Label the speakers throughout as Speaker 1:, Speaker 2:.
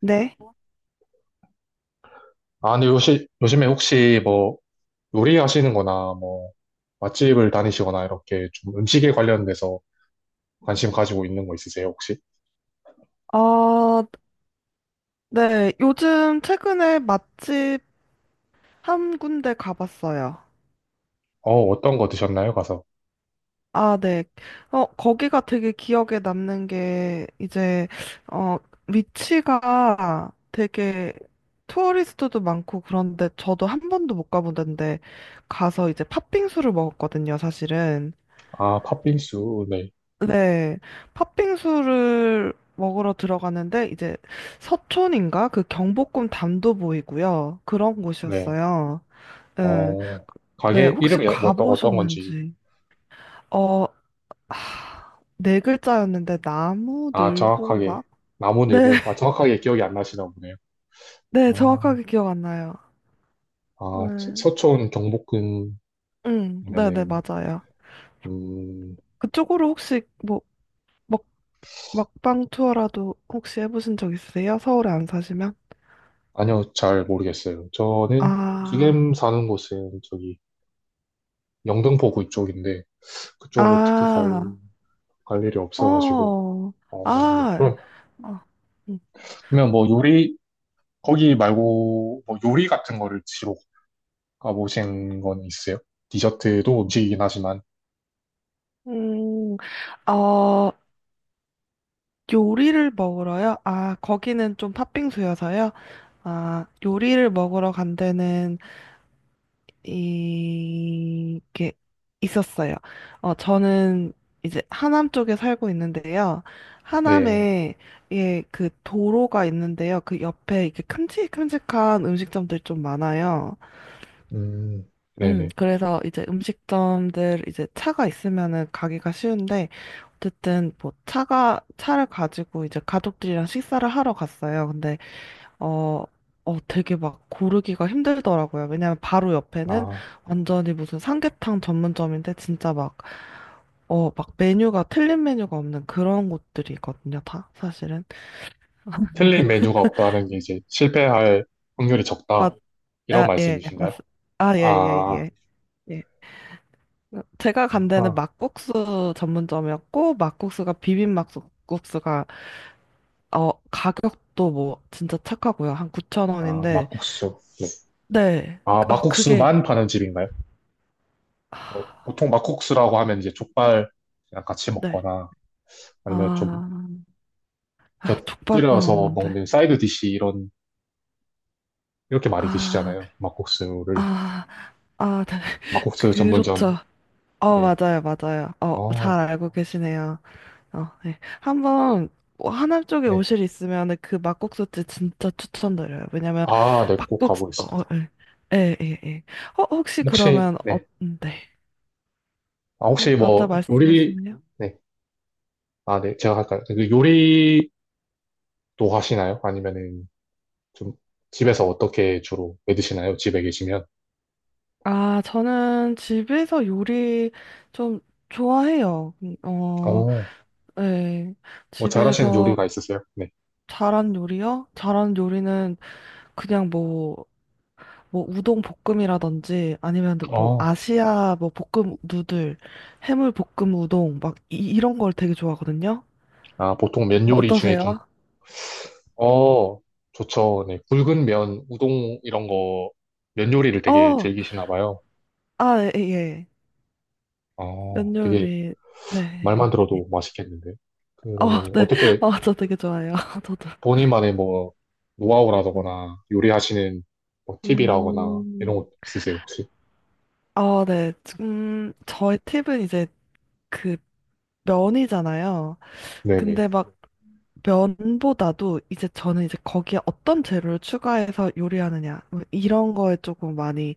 Speaker 1: 네.
Speaker 2: 아, 근데 요시, 요즘에 혹시 뭐 요리하시는 거나 뭐 맛집을 다니시거나 이렇게 좀 음식에 관련돼서 관심 가지고 있는 거 있으세요, 혹시?
Speaker 1: 어, 네. 요즘 최근에 맛집 한 군데 가봤어요.
Speaker 2: 어, 어떤 거 드셨나요, 가서?
Speaker 1: 아, 네. 거기가 되게 기억에 남는 게 이제 어, 위치가 되게 투어리스트도 많고 그런데 저도 한 번도 못 가본 데인데 가서 이제 팥빙수를 먹었거든요, 사실은.
Speaker 2: 아, 팥빙수, 네,
Speaker 1: 네. 팥빙수를 먹으러 들어가는데 이제 서촌인가? 그 경복궁 담도 보이고요. 그런
Speaker 2: 네.
Speaker 1: 곳이었어요. 네,
Speaker 2: 어,
Speaker 1: 네,
Speaker 2: 가게
Speaker 1: 혹시
Speaker 2: 이름이 어떤, 어떤 건지.
Speaker 1: 가보셨는지. 어, 네 글자였는데,
Speaker 2: 아, 정확하게.
Speaker 1: 나무늘보인가? 네,
Speaker 2: 남원일보. 아, 정확하게 기억이 안 나시나 보네요.
Speaker 1: 네,
Speaker 2: 아,
Speaker 1: 정확하게 기억 안 나요.
Speaker 2: 아,
Speaker 1: 네,
Speaker 2: 서촌 경복궁이면은,
Speaker 1: 응, 네, 네, 맞아요.
Speaker 2: 음,
Speaker 1: 그쪽으로 혹시 뭐, 먹, 먹방 투어라도 혹시 해보신 적 있으세요? 서울에 안 사시면?
Speaker 2: 아니요, 잘 모르겠어요. 저는
Speaker 1: 아,
Speaker 2: 지금 사는 곳은 저기 영등포구 이쪽인데, 그쪽으로 특히 갈,
Speaker 1: 아,
Speaker 2: 갈 일이 없어가지고.
Speaker 1: 어,
Speaker 2: 어, 네.
Speaker 1: 아,
Speaker 2: 그럼,
Speaker 1: 어, 음,
Speaker 2: 그러면 뭐 요리, 거기 말고 뭐 요리 같은 거를 드시러 가보신 건 있어요? 디저트도 음식이긴 하지만,
Speaker 1: 음, 어, 요리를 먹으러요? 아, 거기는 좀 팥빙수여서요? 아, 요리를 먹으러 간 데는, 이, 게 있었어요. 저는 이제 하남 쪽에 살고 있는데요.
Speaker 2: 네.
Speaker 1: 하남에, 예, 그 도로가 있는데요. 그 옆에 이렇게 큼직큼직한 음식점들 좀 많아요.
Speaker 2: 음, 네네.
Speaker 1: 그래서 이제 음식점들 이제 차가 있으면은 가기가 쉬운데, 어쨌든 뭐 차를 가지고 이제 가족들이랑 식사를 하러 갔어요. 근데, 어, 되게 막 고르기가 힘들더라고요. 왜냐면 바로 옆에는
Speaker 2: 아,
Speaker 1: 완전히 무슨 삼계탕 전문점인데, 진짜 막, 막 메뉴가 틀린 메뉴가 없는 그런 곳들이 있거든요, 다, 사실은.
Speaker 2: 틀린 메뉴가 없다는 게 이제 실패할 확률이 적다.
Speaker 1: 맞,
Speaker 2: 이런
Speaker 1: 아, 예,
Speaker 2: 말씀이신가요?
Speaker 1: 아, 예, 예,
Speaker 2: 아,
Speaker 1: 예. 예. 제가 간 데는
Speaker 2: 아,
Speaker 1: 막국수 전문점이었고, 막국수가 비빔 막국수가, 가격도 뭐, 진짜 착하고요. 한
Speaker 2: 아,
Speaker 1: 9,000원인데,
Speaker 2: 막국수. 네.
Speaker 1: 네.
Speaker 2: 아,
Speaker 1: 그게,
Speaker 2: 막국수만 파는 집인가요? 어,
Speaker 1: 아,
Speaker 2: 보통 막국수라고 하면 이제 족발이랑 같이
Speaker 1: 네.
Speaker 2: 먹거나 아니면 좀
Speaker 1: 아, 아, 족발은
Speaker 2: 곁들여서
Speaker 1: 없는데.
Speaker 2: 먹는 사이드 디시 이런 이렇게 많이
Speaker 1: 아,
Speaker 2: 드시잖아요. 막국수를
Speaker 1: 아, 아, 네.
Speaker 2: 막국수 전문점.
Speaker 1: 그렇죠.
Speaker 2: 네.
Speaker 1: 맞아요, 맞아요.
Speaker 2: 아,
Speaker 1: 잘 알고 계시네요. 네. 한번 뭐 하남 쪽에
Speaker 2: 네.
Speaker 1: 오실 있으면 그 막국수집 진짜 추천드려요. 왜냐면
Speaker 2: 아, 네, 꼭
Speaker 1: 막국수
Speaker 2: 가보겠습니다.
Speaker 1: 예, 예, 예. 예. 혹시
Speaker 2: 혹시
Speaker 1: 그러면
Speaker 2: 네.
Speaker 1: 네.
Speaker 2: 아, 혹시
Speaker 1: 먼저
Speaker 2: 뭐 요리
Speaker 1: 말씀하시면요.
Speaker 2: 네. 아, 네. 제가 할까요? 그 요리도 하시나요? 아니면은 좀 집에서 어떻게 주로 해 드시나요? 집에 계시면.
Speaker 1: 아, 저는 집에서 요리 좀 좋아해요.
Speaker 2: 어.
Speaker 1: 예.
Speaker 2: 뭐 잘하시는
Speaker 1: 집에서
Speaker 2: 요리가 있으세요? 네.
Speaker 1: 잘한 요리요? 잘한 요리는 그냥 뭐 우동 볶음이라든지 아니면 뭐
Speaker 2: 어.
Speaker 1: 아시아 뭐 볶음 누들, 해물 볶음 우동 막 이, 런걸 되게 좋아하거든요.
Speaker 2: 아, 보통 면 요리 중에 좀
Speaker 1: 어떠세요?
Speaker 2: 어, 좋죠. 네, 굵은 면, 우동 이런 거, 면 요리를 되게
Speaker 1: 어,
Speaker 2: 즐기시나 봐요.
Speaker 1: 아, 예, 예.
Speaker 2: 어,
Speaker 1: 면
Speaker 2: 되게
Speaker 1: 요리, 네.
Speaker 2: 말만 들어도 맛있겠는데.
Speaker 1: 어,
Speaker 2: 그러면
Speaker 1: 네.
Speaker 2: 어떻게
Speaker 1: 저 되게 좋아해요. 저도.
Speaker 2: 본인만의 뭐 노하우라거나 요리하시는 뭐 팁이라거나 이런
Speaker 1: 음,
Speaker 2: 것 있으세요, 혹시?
Speaker 1: 네. 저의 팁은 이제 그 면이잖아요.
Speaker 2: 네네.
Speaker 1: 근데 막 면보다도 이제 저는 이제 거기에 어떤 재료를 추가해서 요리하느냐 뭐 이런 거에 조금 많이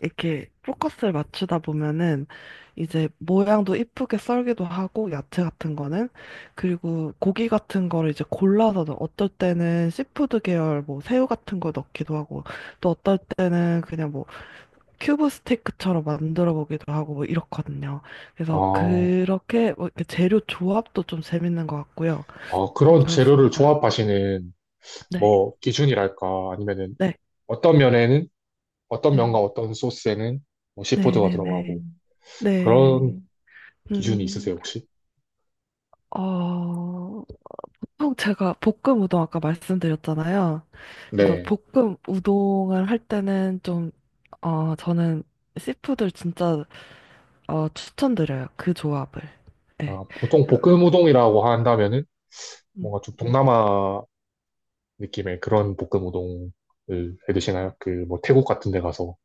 Speaker 1: 이렇게 포커스를 맞추다 보면은 이제 모양도 이쁘게 썰기도 하고 야채 같은 거는 그리고 고기 같은 거를 이제 골라서 어떨 때는 시푸드 계열 뭐 새우 같은 거 넣기도 하고 또 어떨 때는 그냥 뭐 큐브 스테이크처럼 만들어 보기도 하고 뭐 이렇거든요. 그래서
Speaker 2: 아,
Speaker 1: 그렇게 뭐 이렇게 재료 조합도 좀 재밌는 것 같고요.
Speaker 2: 아, 그런 재료를
Speaker 1: 그렇습니다.
Speaker 2: 조합하시는
Speaker 1: 네,
Speaker 2: 뭐 기준이랄까 아니면은
Speaker 1: 네,
Speaker 2: 어떤 면에는 어떤 면과
Speaker 1: 네,
Speaker 2: 어떤 소스에는 뭐
Speaker 1: 네,
Speaker 2: 시푸드가
Speaker 1: 네, 네,
Speaker 2: 들어가고 그런
Speaker 1: 네.
Speaker 2: 기준이
Speaker 1: 음,
Speaker 2: 있으세요, 혹시?
Speaker 1: 어, 보통 제가 볶음 우동 아까 말씀드렸잖아요. 그래서
Speaker 2: 네.
Speaker 1: 볶음 우동을 할 때는 좀, 저는 씨푸드 진짜 추천드려요. 그 조합을. 네.
Speaker 2: 아, 보통 볶음 우동이라고 한다면은
Speaker 1: 음,
Speaker 2: 뭔가 좀 동남아 느낌의 그런 볶음 우동을 해 드시나요? 그 뭐 태국 같은 데 가서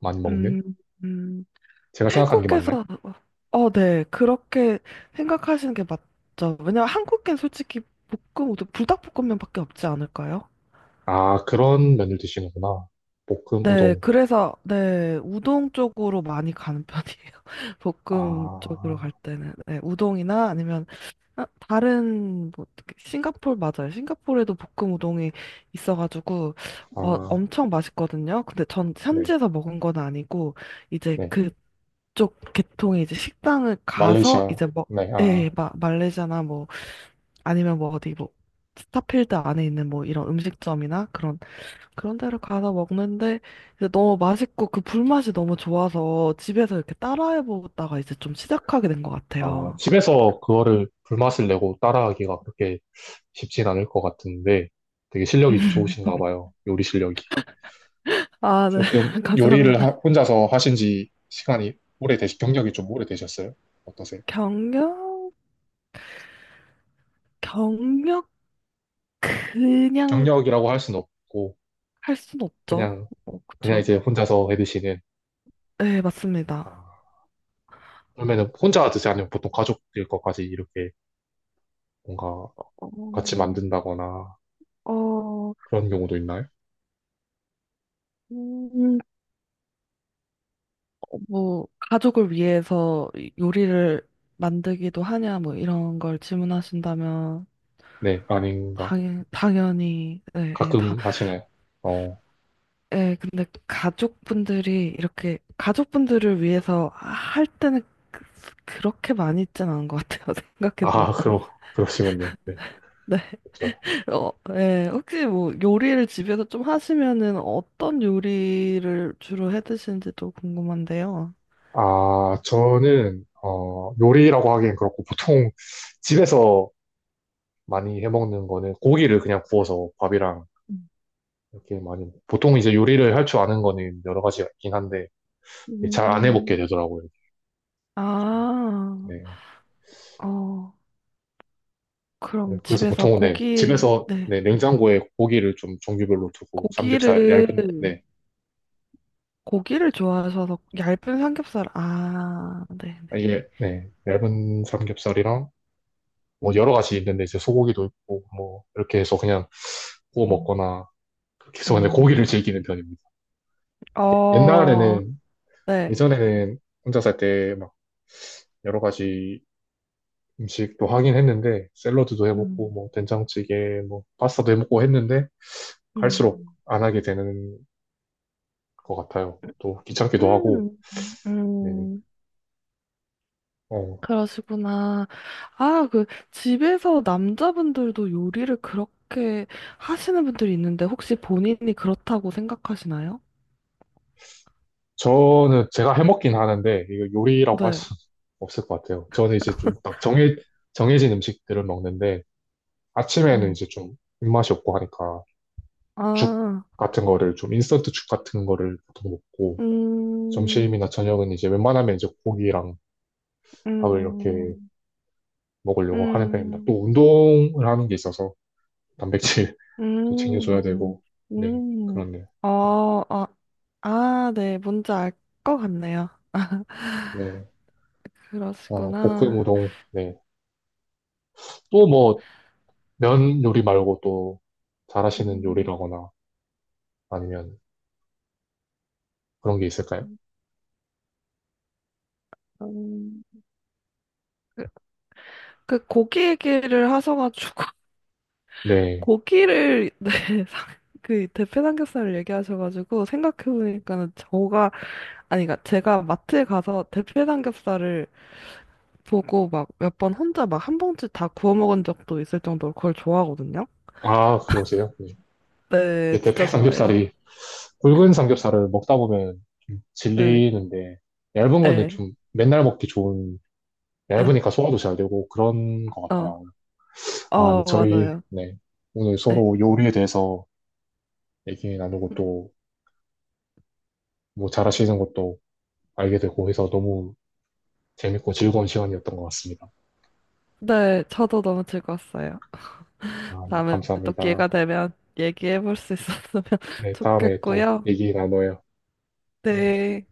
Speaker 2: 많이 먹는?
Speaker 1: 음, 음,
Speaker 2: 제가 생각한 게 맞나요?
Speaker 1: 태국에서, 네, 그렇게 생각하시는 게 맞죠. 왜냐면 한국엔 솔직히 볶음 우동, 불닭볶음면밖에 없지 않을까요?
Speaker 2: 아, 그런 면을 드시는구나. 볶음
Speaker 1: 네,
Speaker 2: 우동.
Speaker 1: 그래서, 네, 우동 쪽으로 많이 가는 편이에요. 볶음 쪽으로
Speaker 2: 아,
Speaker 1: 갈 때는. 네, 우동이나 아니면, 아, 다른, 뭐, 싱가폴 맞아요. 싱가폴에도 볶음 우동이 있어가지고,
Speaker 2: 아,
Speaker 1: 엄청 맛있거든요. 근데 전
Speaker 2: 네,
Speaker 1: 현지에서 먹은 건 아니고, 이제
Speaker 2: 네.
Speaker 1: 그쪽 계통의 이제 식당을 가서,
Speaker 2: 말레이시아.
Speaker 1: 이제 뭐,
Speaker 2: 네, 아,
Speaker 1: 예, 말레이시아나 뭐, 아니면 뭐 어디 뭐, 스타필드 안에 있는 뭐 이런 음식점이나 그런 데를 가서 먹는데 이제 너무 맛있고 그 불맛이 너무 좋아서 집에서 이렇게 따라해 보다가 이제 좀 시작하게 된 것
Speaker 2: 아,
Speaker 1: 같아요.
Speaker 2: 집에서 그거를 불맛을 내고 따라하기가 그렇게 쉽진 않을 것 같은데 되게 실력이 좋으신가 봐요. 요리 실력이.
Speaker 1: 아, 네.
Speaker 2: 조금 요리를
Speaker 1: 감사합니다.
Speaker 2: 혼자서 하신 지 시간이 오래되시, 경력이 좀 오래되셨어요? 어떠세요?
Speaker 1: 경력, 경력 그냥
Speaker 2: 경력이라고 할 수는 없고,
Speaker 1: 할 순 없죠.
Speaker 2: 그냥, 그냥
Speaker 1: 그쵸.
Speaker 2: 이제 혼자서 해드시는,
Speaker 1: 네,
Speaker 2: 아,
Speaker 1: 맞습니다.
Speaker 2: 그러면은 혼자 드세요? 아니면 보통 가족들 것까지 이렇게 뭔가 같이
Speaker 1: 어,
Speaker 2: 만든다거나
Speaker 1: 어,
Speaker 2: 그런 경우도 있나요?
Speaker 1: 음, 뭐, 가족을 위해서 요리를 만들기도 하냐, 뭐, 이런 걸 질문하신다면,
Speaker 2: 네, 아닌가?
Speaker 1: 당연히, 네, 네,
Speaker 2: 가끔 하시나요? 어,
Speaker 1: 예, 근데 가족분들이 이렇게 가족분들을 위해서 할 때는 그- 그렇게 많이 있진 않은 것 같아요. 생각해보면.
Speaker 2: 아, 그러, 그러시군요. 네,
Speaker 1: 네.
Speaker 2: 그렇죠.
Speaker 1: 예, 혹시 뭐 요리를 집에서 좀 하시면은 어떤 요리를 주로 해 드시는지도 궁금한데요.
Speaker 2: 아, 저는, 어, 요리라고 하기엔 그렇고, 보통 집에서 많이 해먹는 거는 고기를 그냥 구워서 밥이랑
Speaker 1: 음,
Speaker 2: 이렇게 많이, 보통 이제 요리를 할 줄 아는 거는 여러 가지가 있긴 한데, 잘 안 해먹게
Speaker 1: 음.
Speaker 2: 되더라고요.
Speaker 1: 아,
Speaker 2: 네.
Speaker 1: 어,
Speaker 2: 네.
Speaker 1: 그럼
Speaker 2: 그래서
Speaker 1: 집에서
Speaker 2: 보통은 네,
Speaker 1: 고기,
Speaker 2: 집에서
Speaker 1: 네.
Speaker 2: 네, 냉장고에 고기를 좀 종류별로 두고, 삼겹살,
Speaker 1: 고기를,
Speaker 2: 얇은, 네,
Speaker 1: 고기를 좋아하셔서 얇은 삼겹살, 아, 네네.
Speaker 2: 아, 이게, 네, 얇은 삼겹살이랑 뭐 여러 가지 있는데 이제 소고기도 있고, 뭐, 이렇게 해서 그냥 구워
Speaker 1: 음.
Speaker 2: 먹거나, 그렇게 해서 그냥 고기를
Speaker 1: 음.
Speaker 2: 즐기는 편입니다.
Speaker 1: 어,
Speaker 2: 옛날에는,
Speaker 1: 네.
Speaker 2: 예전에는 혼자 살 때 막 여러 가지 음식도 하긴 했는데 샐러드도 해먹고
Speaker 1: 음,
Speaker 2: 뭐 된장찌개 뭐 파스타도 해먹고 했는데 갈수록
Speaker 1: 음,
Speaker 2: 안 하게 되는 것 같아요. 또 귀찮기도 하고
Speaker 1: 음,
Speaker 2: 네.
Speaker 1: 음,
Speaker 2: 어,
Speaker 1: 그러시구나. 아, 집에서 남자분들도 요리를 그렇게 하시는 분들이 있는데, 혹시 본인이 그렇다고 생각하시나요?
Speaker 2: 저는 제가 해먹긴 하는데 이거 요리라고 할 수
Speaker 1: 네.
Speaker 2: 없을 것 같아요. 저는 이제 좀 딱 정해 정해진 음식들을 먹는데 아침에는 이제
Speaker 1: 어.
Speaker 2: 좀 입맛이 없고 하니까 죽
Speaker 1: 아,
Speaker 2: 같은 거를 좀 인스턴트 죽 같은 거를 보통 먹고
Speaker 1: 음,
Speaker 2: 점심이나 저녁은 이제 웬만하면 이제 고기랑
Speaker 1: 음,
Speaker 2: 밥을 이렇게
Speaker 1: 음,
Speaker 2: 먹으려고 하는 편입니다.
Speaker 1: 음,
Speaker 2: 또 운동을 하는 게 있어서 단백질도 챙겨줘야
Speaker 1: 음,
Speaker 2: 되고, 네,
Speaker 1: 음.
Speaker 2: 그렇네요.
Speaker 1: 어, 어, 아, 네, 뭔지 알 것 같네요.
Speaker 2: 네, 아, 볶음
Speaker 1: 그러시구나.
Speaker 2: 우동, 네. 또 뭐, 면 요리 말고 또 잘하시는
Speaker 1: 음.
Speaker 2: 요리라거나 아니면 그런 게 있을까요?
Speaker 1: 음, 그, 그 고기 얘기를 하셔가지고
Speaker 2: 네.
Speaker 1: 고기를 네, 상- 그 대패 삼겹살을 얘기하셔가지고 생각해보니까는 저가 아니 그러니까 제가 마트에 가서 대패 삼겹살을 보고 막 몇 번 혼자 막 한 봉지 다 구워 먹은 적도 있을 정도로 그걸 좋아하거든요.
Speaker 2: 아, 그러세요? 네.
Speaker 1: 네,
Speaker 2: 이게
Speaker 1: 진짜
Speaker 2: 대패
Speaker 1: 좋아해요.
Speaker 2: 삼겹살이, 굵은 삼겹살을 먹다 보면 좀
Speaker 1: 네,
Speaker 2: 질리는데, 얇은 건데
Speaker 1: 네,
Speaker 2: 좀 맨날 먹기 좋은,
Speaker 1: 네,
Speaker 2: 얇으니까 소화도 잘 되고 그런 것
Speaker 1: 어,
Speaker 2: 같더라고요. 아, 네, 저희,
Speaker 1: 맞아요.
Speaker 2: 네. 오늘
Speaker 1: 네,
Speaker 2: 서로 요리에 대해서 얘기 나누고 또 뭐 잘하시는 것도 알게 되고 해서 너무 재밌고 즐거운 시간이었던 것 같습니다.
Speaker 1: 네, 저도 너무 즐거웠어요.
Speaker 2: 아, 네,
Speaker 1: 다음에 또 기회가
Speaker 2: 감사합니다.
Speaker 1: 되면 얘기해볼 수 있었으면
Speaker 2: 네, 다음에 또
Speaker 1: 좋겠고요.
Speaker 2: 얘기 나눠요. 네.
Speaker 1: 네.